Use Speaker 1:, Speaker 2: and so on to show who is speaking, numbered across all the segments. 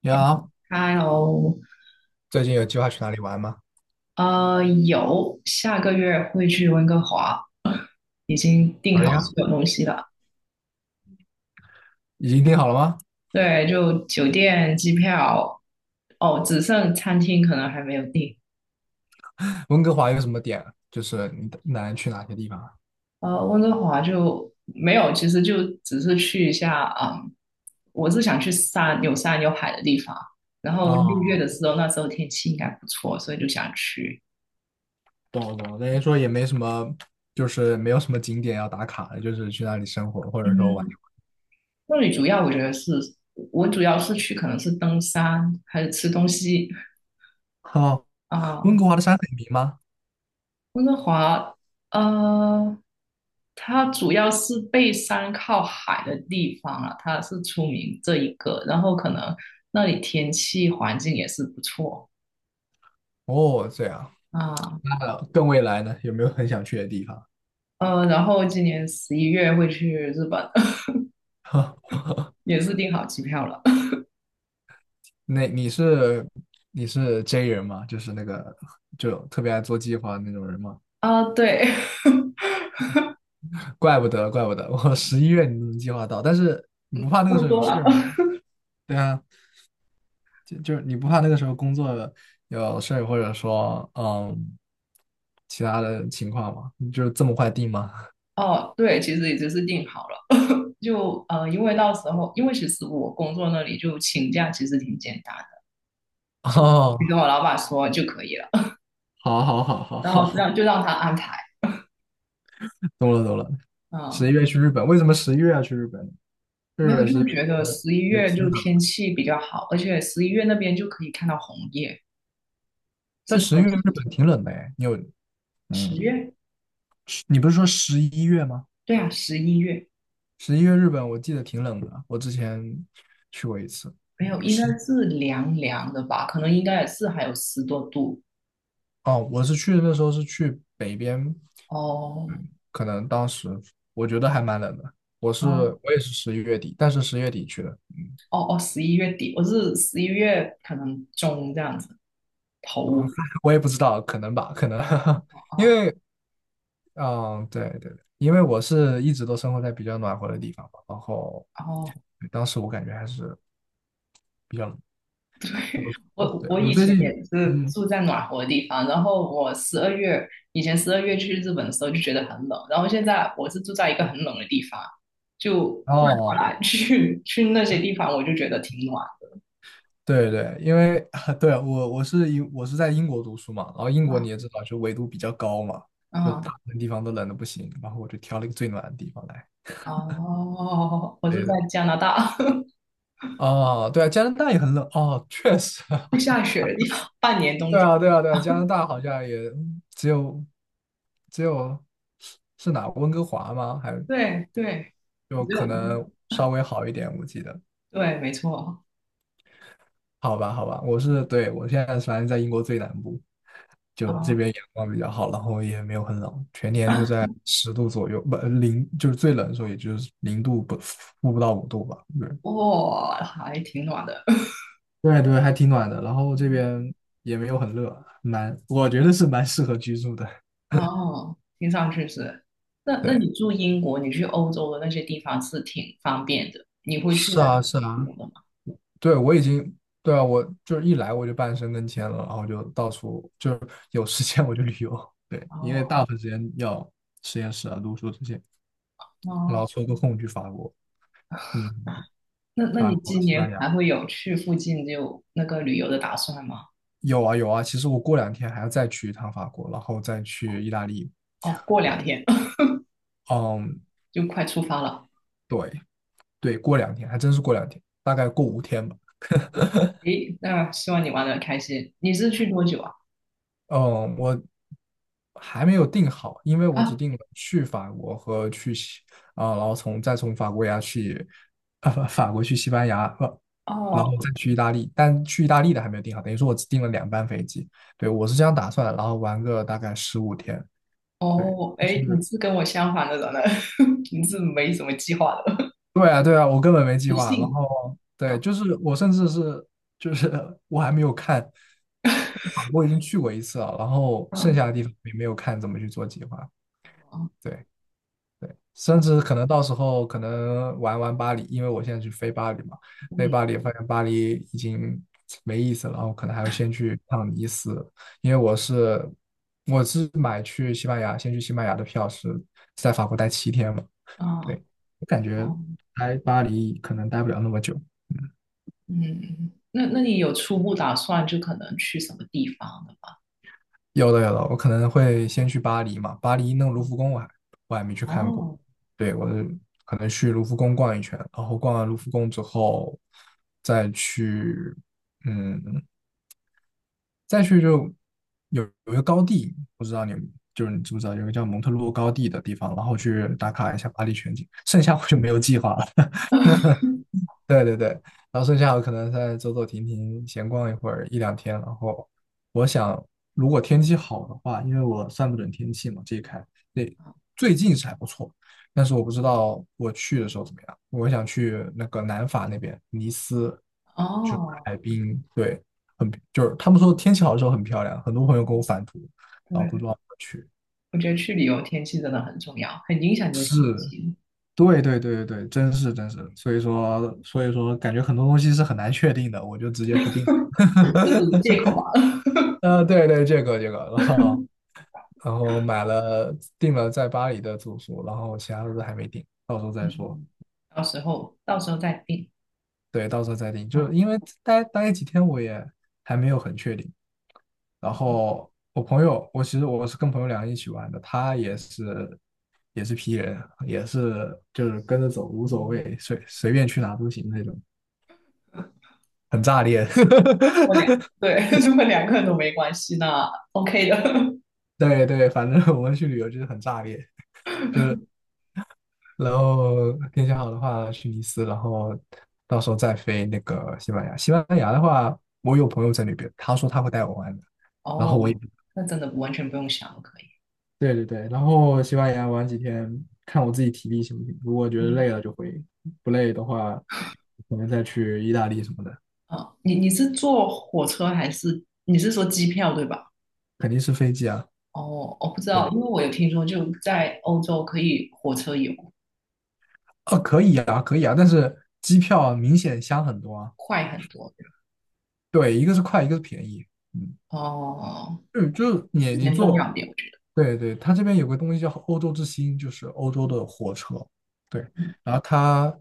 Speaker 1: 你好，
Speaker 2: 哈喽，
Speaker 1: 最近有计划去哪里玩吗？
Speaker 2: 有下个月会去温哥华，已经订
Speaker 1: 可以
Speaker 2: 好
Speaker 1: 啊，
Speaker 2: 所有东西了。
Speaker 1: 已经定好了吗？
Speaker 2: 对，就酒店、机票，哦，只剩餐厅可能还没有订。
Speaker 1: 温哥华有什么点？就是你打算去哪些地方啊？
Speaker 2: 温哥华就没有，其实就只是去一下，嗯，我是想去山有海的地方。然后6月的
Speaker 1: 哦，
Speaker 2: 时候，那时候天气应该不错，所以就想去。
Speaker 1: 懂了懂了，等于说也没什么，就是没有什么景点要打卡的，就是去那里生活或者说玩。
Speaker 2: 嗯，那里主要我觉得是，我主要是去可能是登山还是吃东西。
Speaker 1: 哦，
Speaker 2: 啊，
Speaker 1: 温哥华的山很平吗？
Speaker 2: 温哥华，呃，它主要是背山靠海的地方啊，它是出名这一个，然后可能那里天气环境也是不错
Speaker 1: 哦，这样，
Speaker 2: 啊，
Speaker 1: 那更未来呢？有没有很想去的地方？
Speaker 2: 然后今年十一月会去日本，也是订好机票了
Speaker 1: 那你是J 人吗？就是那个就特别爱做计划的那种人吗？
Speaker 2: 啊，对，
Speaker 1: 怪不得，怪不得，我十一月你都能计划到，但是 你
Speaker 2: 差
Speaker 1: 不怕那个
Speaker 2: 不
Speaker 1: 时候有
Speaker 2: 多
Speaker 1: 事
Speaker 2: 了。
Speaker 1: 儿吗？对啊，就是你不怕那个时候工作有事儿，或者说其他的情况吗？你就这么快定吗？
Speaker 2: 哦，对，其实已经是订好了，就因为到时候，因为其实我工作那里就请假其实挺简单的，就你
Speaker 1: 哦，
Speaker 2: 跟我老板说就可以了。
Speaker 1: 好好好好
Speaker 2: 然后
Speaker 1: 好，
Speaker 2: 就让他安排，
Speaker 1: 懂了懂了。十一
Speaker 2: 嗯，
Speaker 1: 月去日本，为什么十一月要去日本呢？日
Speaker 2: 没有
Speaker 1: 本是
Speaker 2: 就觉得
Speaker 1: 呃
Speaker 2: 十一
Speaker 1: 也
Speaker 2: 月就
Speaker 1: 挺冷，
Speaker 2: 天气比较好，而且十一月那边就可以看到红叶，
Speaker 1: 但
Speaker 2: 是他
Speaker 1: 十一
Speaker 2: 们
Speaker 1: 月日
Speaker 2: 秋
Speaker 1: 本
Speaker 2: 天
Speaker 1: 挺冷的哎，你有
Speaker 2: 十
Speaker 1: 嗯，
Speaker 2: 月？
Speaker 1: 是你不是说十一月吗？
Speaker 2: 对啊，十一月
Speaker 1: 十一月日本我记得挺冷的，我之前去过一次。
Speaker 2: 没有，应该是凉凉的吧？可能应该也是还有10多度。
Speaker 1: 哦，我是去那时候是去北边，
Speaker 2: 哦
Speaker 1: 嗯，可能当时我觉得还蛮冷的。我是
Speaker 2: 哦
Speaker 1: 我也是11月底，但是10月底去的，
Speaker 2: 哦哦，11月底，我是十一月可能中这样子头
Speaker 1: 我也不知道，可能吧，可能，
Speaker 2: 啊，
Speaker 1: 因
Speaker 2: 哦
Speaker 1: 为，嗯，对对对，因为我是一直都生活在比较暖和的地方嘛，然后
Speaker 2: 然后。
Speaker 1: 当时我感觉还是比较冷，我，
Speaker 2: 我
Speaker 1: 对，
Speaker 2: 我
Speaker 1: 我
Speaker 2: 以
Speaker 1: 最
Speaker 2: 前也
Speaker 1: 近，
Speaker 2: 是
Speaker 1: 嗯，
Speaker 2: 住在暖和的地方，然后我十二月以前十二月去日本的时候就觉得很冷，然后现在我是住在一个很冷的地方，就换过
Speaker 1: 哦，
Speaker 2: 来 去那些地方，我就觉得挺暖。
Speaker 1: 对对，因为 对啊我是在英国读书嘛，然后英国你也
Speaker 2: 啊
Speaker 1: 知道，就纬度比较高嘛，就大
Speaker 2: 嗯
Speaker 1: 部分地方都冷的不行，然后我就挑了一个最暖的地方来。
Speaker 2: 哦，我是
Speaker 1: 对对，
Speaker 2: 在加拿大
Speaker 1: 哦，对啊，加拿大也很冷哦，确实，
Speaker 2: 会下雪的地方，半年冬
Speaker 1: 对
Speaker 2: 天。
Speaker 1: 啊对啊对啊，加拿大好像也只有只有是是哪温哥华吗？还
Speaker 2: 对对，
Speaker 1: 就
Speaker 2: 只
Speaker 1: 可
Speaker 2: 有
Speaker 1: 能稍微好一点，我记得。
Speaker 2: 对，没错
Speaker 1: 好吧，好吧，对，我现在反正在英国最南部，就这
Speaker 2: 啊，
Speaker 1: 边阳光比较好，然后也没有很冷，全年就在10度左右，不，零，就是最冷的时候也就是零度不，负不到5度吧。对，
Speaker 2: 哇、还挺暖的。
Speaker 1: 对对，还挺暖的，然后这 边也没有很热，我觉得是蛮适合居住的。
Speaker 2: 哦，听上去是。那
Speaker 1: 对，
Speaker 2: 你住英国，你去欧洲的那些地方是挺方便的，你会去
Speaker 1: 是啊，是
Speaker 2: 那
Speaker 1: 啊，
Speaker 2: 游的吗？
Speaker 1: 对，我已经，对啊，我就是一来我就半身跟签了，然后就到处有时间我就旅游，对，因为大
Speaker 2: 哦
Speaker 1: 部分时间要实验室啊、读书这些。然
Speaker 2: 哦，
Speaker 1: 后抽个空去法国，嗯，
Speaker 2: 那
Speaker 1: 法
Speaker 2: 你
Speaker 1: 国、
Speaker 2: 今
Speaker 1: 西班
Speaker 2: 年还
Speaker 1: 牙，
Speaker 2: 会有去附近就那个旅游的打算吗？
Speaker 1: 有啊有啊。其实我过两天还要再去一趟法国，然后再去意大利。
Speaker 2: 哦，过两
Speaker 1: 对，
Speaker 2: 天
Speaker 1: 嗯，
Speaker 2: 就快出发了。
Speaker 1: 对对，过两天还真是过两天，大概过五天吧。
Speaker 2: 哦，诶，那希望你玩的开心。你是去多久啊？
Speaker 1: 嗯，我还没有定好，因为我只
Speaker 2: 啊，
Speaker 1: 定了去法国和去西啊、然后再从法国呀法国去西班牙，然后
Speaker 2: 哦
Speaker 1: 再去意大利。但去意大利的还没有定好，等于说我只定了2班飞机。对，我是这样打算的，然后玩个大概15天。对，
Speaker 2: 哦，
Speaker 1: 就
Speaker 2: 诶，你
Speaker 1: 是
Speaker 2: 是跟我相反的人呢，你是没什么计划的，
Speaker 1: 对啊，对啊，我根本没计
Speaker 2: 随
Speaker 1: 划。然
Speaker 2: 性
Speaker 1: 后
Speaker 2: 啊
Speaker 1: 对，就是我甚至是就是我还没有看，法国已经去过一次了，然后
Speaker 2: 啊
Speaker 1: 剩下的地方也没有看怎么去做计划。
Speaker 2: 哦，
Speaker 1: 对对，甚至可能到时候可能玩玩巴黎，因为我现在去飞巴黎嘛，飞巴
Speaker 2: 嗯
Speaker 1: 黎发现巴黎已经没意思了，然后可能还要先去趟尼斯，因为我是买去西班牙，先去西班牙的票是在法国待7天嘛。
Speaker 2: 啊哦。
Speaker 1: 对，我感觉
Speaker 2: 哦
Speaker 1: 来巴黎可能待不了那么久。嗯，
Speaker 2: 嗯，那你有初步打算就可能去什么地方的吗？
Speaker 1: 有的有的，我可能会先去巴黎嘛。巴黎那个卢浮宫我还没去看过。
Speaker 2: 哦，
Speaker 1: 对，我可能去卢浮宫逛一圈，然后逛完卢浮宫之后，再去，嗯，再去就有一个高地，不知道你就是你知不知道有个叫蒙特洛高地的地方，然后去打卡一下巴黎全景。剩下我就没有计划了。对对对，然后剩下我可能再走走停停，闲逛一会儿一两天。然后我想，如果天气好的话，因为我算不准天气嘛，这一看，对，最近是还不错，但是我不知道我去的时候怎么样。我想去那个南法那边，尼斯，就是
Speaker 2: 哦，
Speaker 1: 海滨，对，就是他们说天气好的时候很漂亮，很多朋友给我返图，然后都
Speaker 2: 对，
Speaker 1: 说要去。
Speaker 2: 我觉得去旅游天气真的很重要，很影响你的心情，
Speaker 1: 对对对对对，真是真是，所以说感觉很多东西是很难确定的，我就直接不定。
Speaker 2: 这是借口吧？
Speaker 1: 对对，然后然后买了订了在巴黎的住宿，然后其他的都还没定，到时候再说。
Speaker 2: 嗯，到时候到时候再定。
Speaker 1: 对，到时候再定，就
Speaker 2: 啊。
Speaker 1: 是因为待几天我也还没有很确定。然后我朋友，我其实我是跟朋友2个人一起玩的，他也是也是 P 人，就是跟着走无所谓，随便去哪都行那种，很炸裂。
Speaker 2: 如果两对，如果两个人都没关系，那 OK 的。
Speaker 1: 对对，反正我们去旅游就是很炸裂。然后天气好的话去尼斯，然后到时候再飞那个西班牙。西班牙的话，我有朋友在那边，他说他会带我玩的，然后我也
Speaker 2: 哦，那真的完全不用想都可以。
Speaker 1: 对对对，然后西班牙玩几天，看我自己体力行不行。如果觉得
Speaker 2: 嗯，
Speaker 1: 累了就回，不累的话，可能再去意大利什么的。
Speaker 2: 好，你是坐火车还是你是说机票对吧？
Speaker 1: 肯定是飞机啊，
Speaker 2: 哦，我不知道，
Speaker 1: 对，
Speaker 2: 因为我有听说，就在欧洲可以火车游
Speaker 1: 哦，可以啊，可以啊，但是机票明显香很多啊。
Speaker 2: 快很多。
Speaker 1: 对，一个是快，一个是便宜。嗯。
Speaker 2: 哦，
Speaker 1: 嗯，就是你
Speaker 2: 时
Speaker 1: 你
Speaker 2: 间重要
Speaker 1: 坐，
Speaker 2: 一点，我觉得。
Speaker 1: 对对，它这边有个东西叫欧洲之星，就是欧洲的火车，对，
Speaker 2: 嗯
Speaker 1: 然后它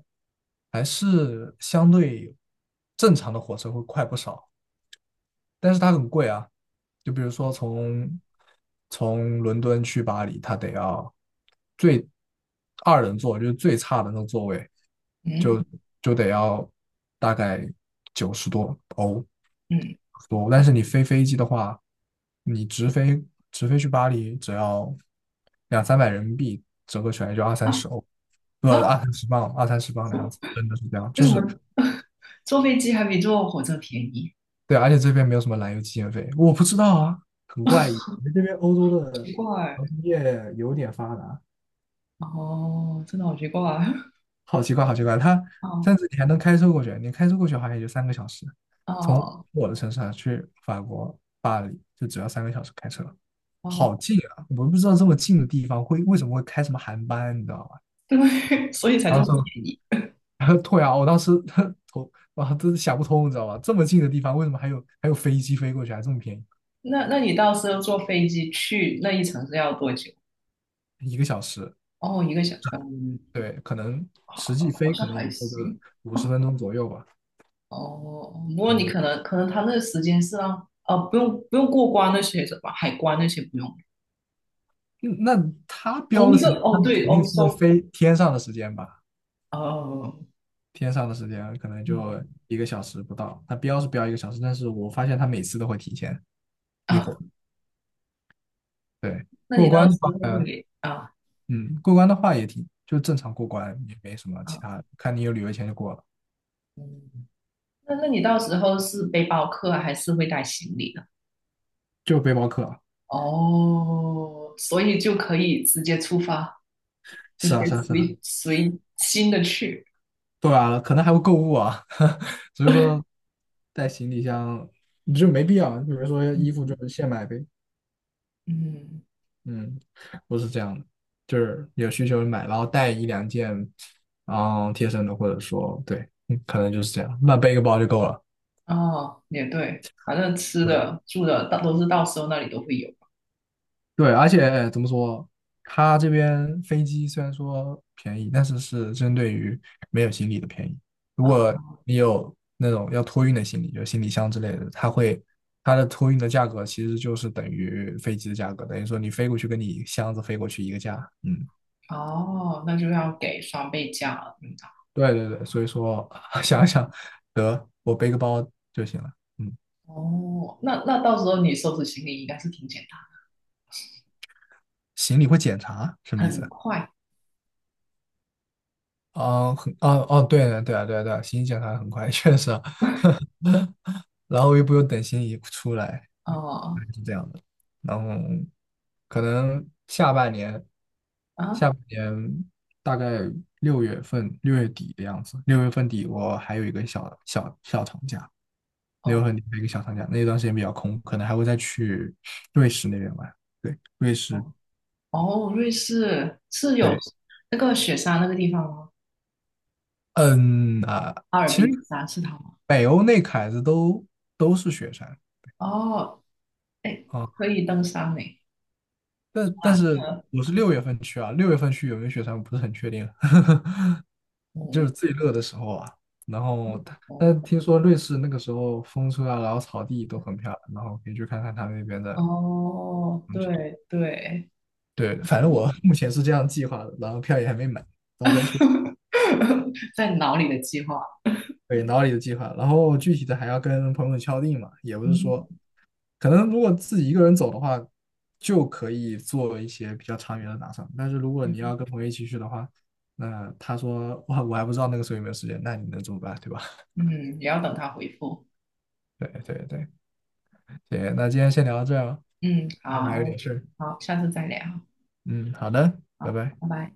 Speaker 1: 还是相对正常的火车会快不少，但是它很贵啊，就比如说从伦敦去巴黎，它得要最二人座，就是最差的那个座位，
Speaker 2: 嗯
Speaker 1: 就得要大概90多欧
Speaker 2: 嗯，
Speaker 1: 多，但是你飞机的话，你直飞直飞去巴黎只要两三百人民币，折合起来就二三
Speaker 2: 啊
Speaker 1: 十欧，不，
Speaker 2: 啊，
Speaker 1: 二三十磅，二三十磅的样子，真的是这样，
Speaker 2: 为什么坐飞机还比坐火车便宜？
Speaker 1: 对，而且这边没有什么燃油机建费，我不知道啊，很怪异，你们这边欧洲的
Speaker 2: 奇怪。
Speaker 1: 航空业有点发达。
Speaker 2: 哦，真的好奇怪。
Speaker 1: 好奇怪，好奇怪，
Speaker 2: 哦
Speaker 1: 甚至你还能开车过去，你开车过去好像也就三个小时，从
Speaker 2: 哦
Speaker 1: 我的城市啊去法国巴黎就只要三个小时开车，好
Speaker 2: 哦，
Speaker 1: 近啊！我不知道这么近的地方会为什么会开什么航班，你知道吧？
Speaker 2: 对，所以才这
Speaker 1: 然
Speaker 2: 么
Speaker 1: 后说，
Speaker 2: 便宜。
Speaker 1: 然后对啊，我当时 他头啊都想不通，你知道吧？这么近的地方为什么还有飞机飞过去啊，还这么便
Speaker 2: 那你到时候坐飞机去那一程是要多久？
Speaker 1: 宜，一个小时？
Speaker 2: 哦，一个小，嗯，
Speaker 1: 对，可能实际
Speaker 2: 好
Speaker 1: 飞可
Speaker 2: 像
Speaker 1: 能也
Speaker 2: 还
Speaker 1: 就个
Speaker 2: 行。
Speaker 1: 50分钟左右吧，
Speaker 2: 哦，哦不过你可
Speaker 1: 嗯
Speaker 2: 能可能他那个时间是让啊，不用过关那些什么海关那些不用，
Speaker 1: 嗯那他标
Speaker 2: 同
Speaker 1: 的
Speaker 2: 一
Speaker 1: 时
Speaker 2: 个
Speaker 1: 间，那
Speaker 2: 哦
Speaker 1: 肯
Speaker 2: 对
Speaker 1: 定
Speaker 2: 欧
Speaker 1: 是
Speaker 2: 洲
Speaker 1: 飞天上的时间吧？
Speaker 2: 哦
Speaker 1: 天上的时间可能就
Speaker 2: 嗯
Speaker 1: 一个小时不到，它标是标一个小时，但是我发现它每次都会提前一会
Speaker 2: 啊，
Speaker 1: 儿。对，
Speaker 2: 那
Speaker 1: 过
Speaker 2: 你
Speaker 1: 关
Speaker 2: 到
Speaker 1: 的
Speaker 2: 时
Speaker 1: 话，
Speaker 2: 候
Speaker 1: 呃
Speaker 2: 会啊
Speaker 1: 嗯，过关的话也挺正常过关，也没什么
Speaker 2: 啊
Speaker 1: 其他，看你有旅游钱就过了，
Speaker 2: 嗯，那你到时候是背包客啊还是会带行李的？
Speaker 1: 就背包客。
Speaker 2: 哦，所以就可以直接出发，直
Speaker 1: 是啊，
Speaker 2: 接
Speaker 1: 是啊，是啊，
Speaker 2: 随心的去，
Speaker 1: 对啊，可能还会购物啊，所以说带行李箱你就没必要，比如说衣服
Speaker 2: 嗯
Speaker 1: 就现买呗，
Speaker 2: 嗯
Speaker 1: 嗯，不是这样的，就是有需求买，然后带一两件，嗯，贴身的，或者说对，嗯可能就是这样，那背一个包就够了。
Speaker 2: 哦也对，反正吃
Speaker 1: 对
Speaker 2: 的住的到都是到时候那里都会有。
Speaker 1: 对，而且怎么说，它这边飞机虽然说便宜，但是是针对于没有行李的便宜。如
Speaker 2: 啊。
Speaker 1: 果你有那种要托运的行李，就是行李箱之类的，它的托运的价格其实就是等于飞机的价格，等于说你飞过去跟你箱子飞过去一个价。嗯，
Speaker 2: 哦，那就要给双倍价了，应
Speaker 1: 对对对，所以说 想想，得我背个包就行了。嗯，
Speaker 2: 哦，那到时候你收拾行李应该是挺简
Speaker 1: 行李会检查什么意
Speaker 2: 单，很
Speaker 1: 思？
Speaker 2: 快。
Speaker 1: 啊，哦哦，对的，对啊，对啊，对啊，行李检查很快，确实啊，然后又不用等行李出来，
Speaker 2: 哦
Speaker 1: 是这样的。然后可能下半年，
Speaker 2: 啊，
Speaker 1: 下半年大概六月份、6月底的样子，6月份底我还有一个小小小长假，留
Speaker 2: 哦
Speaker 1: 月厉的一个小长假，那段时间比较空，可能还会再去瑞士那边玩。对，瑞士，
Speaker 2: 哦哦，瑞士是有
Speaker 1: 对，
Speaker 2: 那个雪山那个地方吗？
Speaker 1: 嗯啊，
Speaker 2: 阿尔
Speaker 1: 其实
Speaker 2: 卑斯山是它吗？
Speaker 1: 北欧那凯子都都是雪山
Speaker 2: 哦，哎，
Speaker 1: 啊，
Speaker 2: 可以登山呢。
Speaker 1: 但
Speaker 2: 啊，
Speaker 1: 是我是六月份去啊，六月份去有没有雪山我不是很确定，就是
Speaker 2: 哦
Speaker 1: 最热的时候啊。然后他，
Speaker 2: 哦
Speaker 1: 但听说瑞士那个时候风车啊，然后草地都很漂亮，然后可以去看看他们那边的
Speaker 2: 哦，
Speaker 1: 风景。
Speaker 2: 对对，
Speaker 1: 对，反
Speaker 2: 有
Speaker 1: 正我
Speaker 2: 有
Speaker 1: 目前是这样计划的，然后票也还没买，到时候再说。
Speaker 2: 在脑里的计划。
Speaker 1: 对，脑里的计划，然后具体的还要跟朋友敲定嘛，也不是说，
Speaker 2: 嗯
Speaker 1: 可能如果自己一个人走的话，就可以做一些比较长远的打算，但是如果你要
Speaker 2: 嗯
Speaker 1: 跟朋友一起去的话，那他说哇，我还不知道那个时候有没有时间，那你能怎么办，对吧？
Speaker 2: 嗯，也要等他回复。
Speaker 1: 对对对，行，那今天先聊到这儿吧，
Speaker 2: 嗯，
Speaker 1: 那我还有点
Speaker 2: 好，
Speaker 1: 事儿，
Speaker 2: 好，下次再聊，
Speaker 1: 嗯，好的，拜
Speaker 2: 好，
Speaker 1: 拜。
Speaker 2: 拜拜。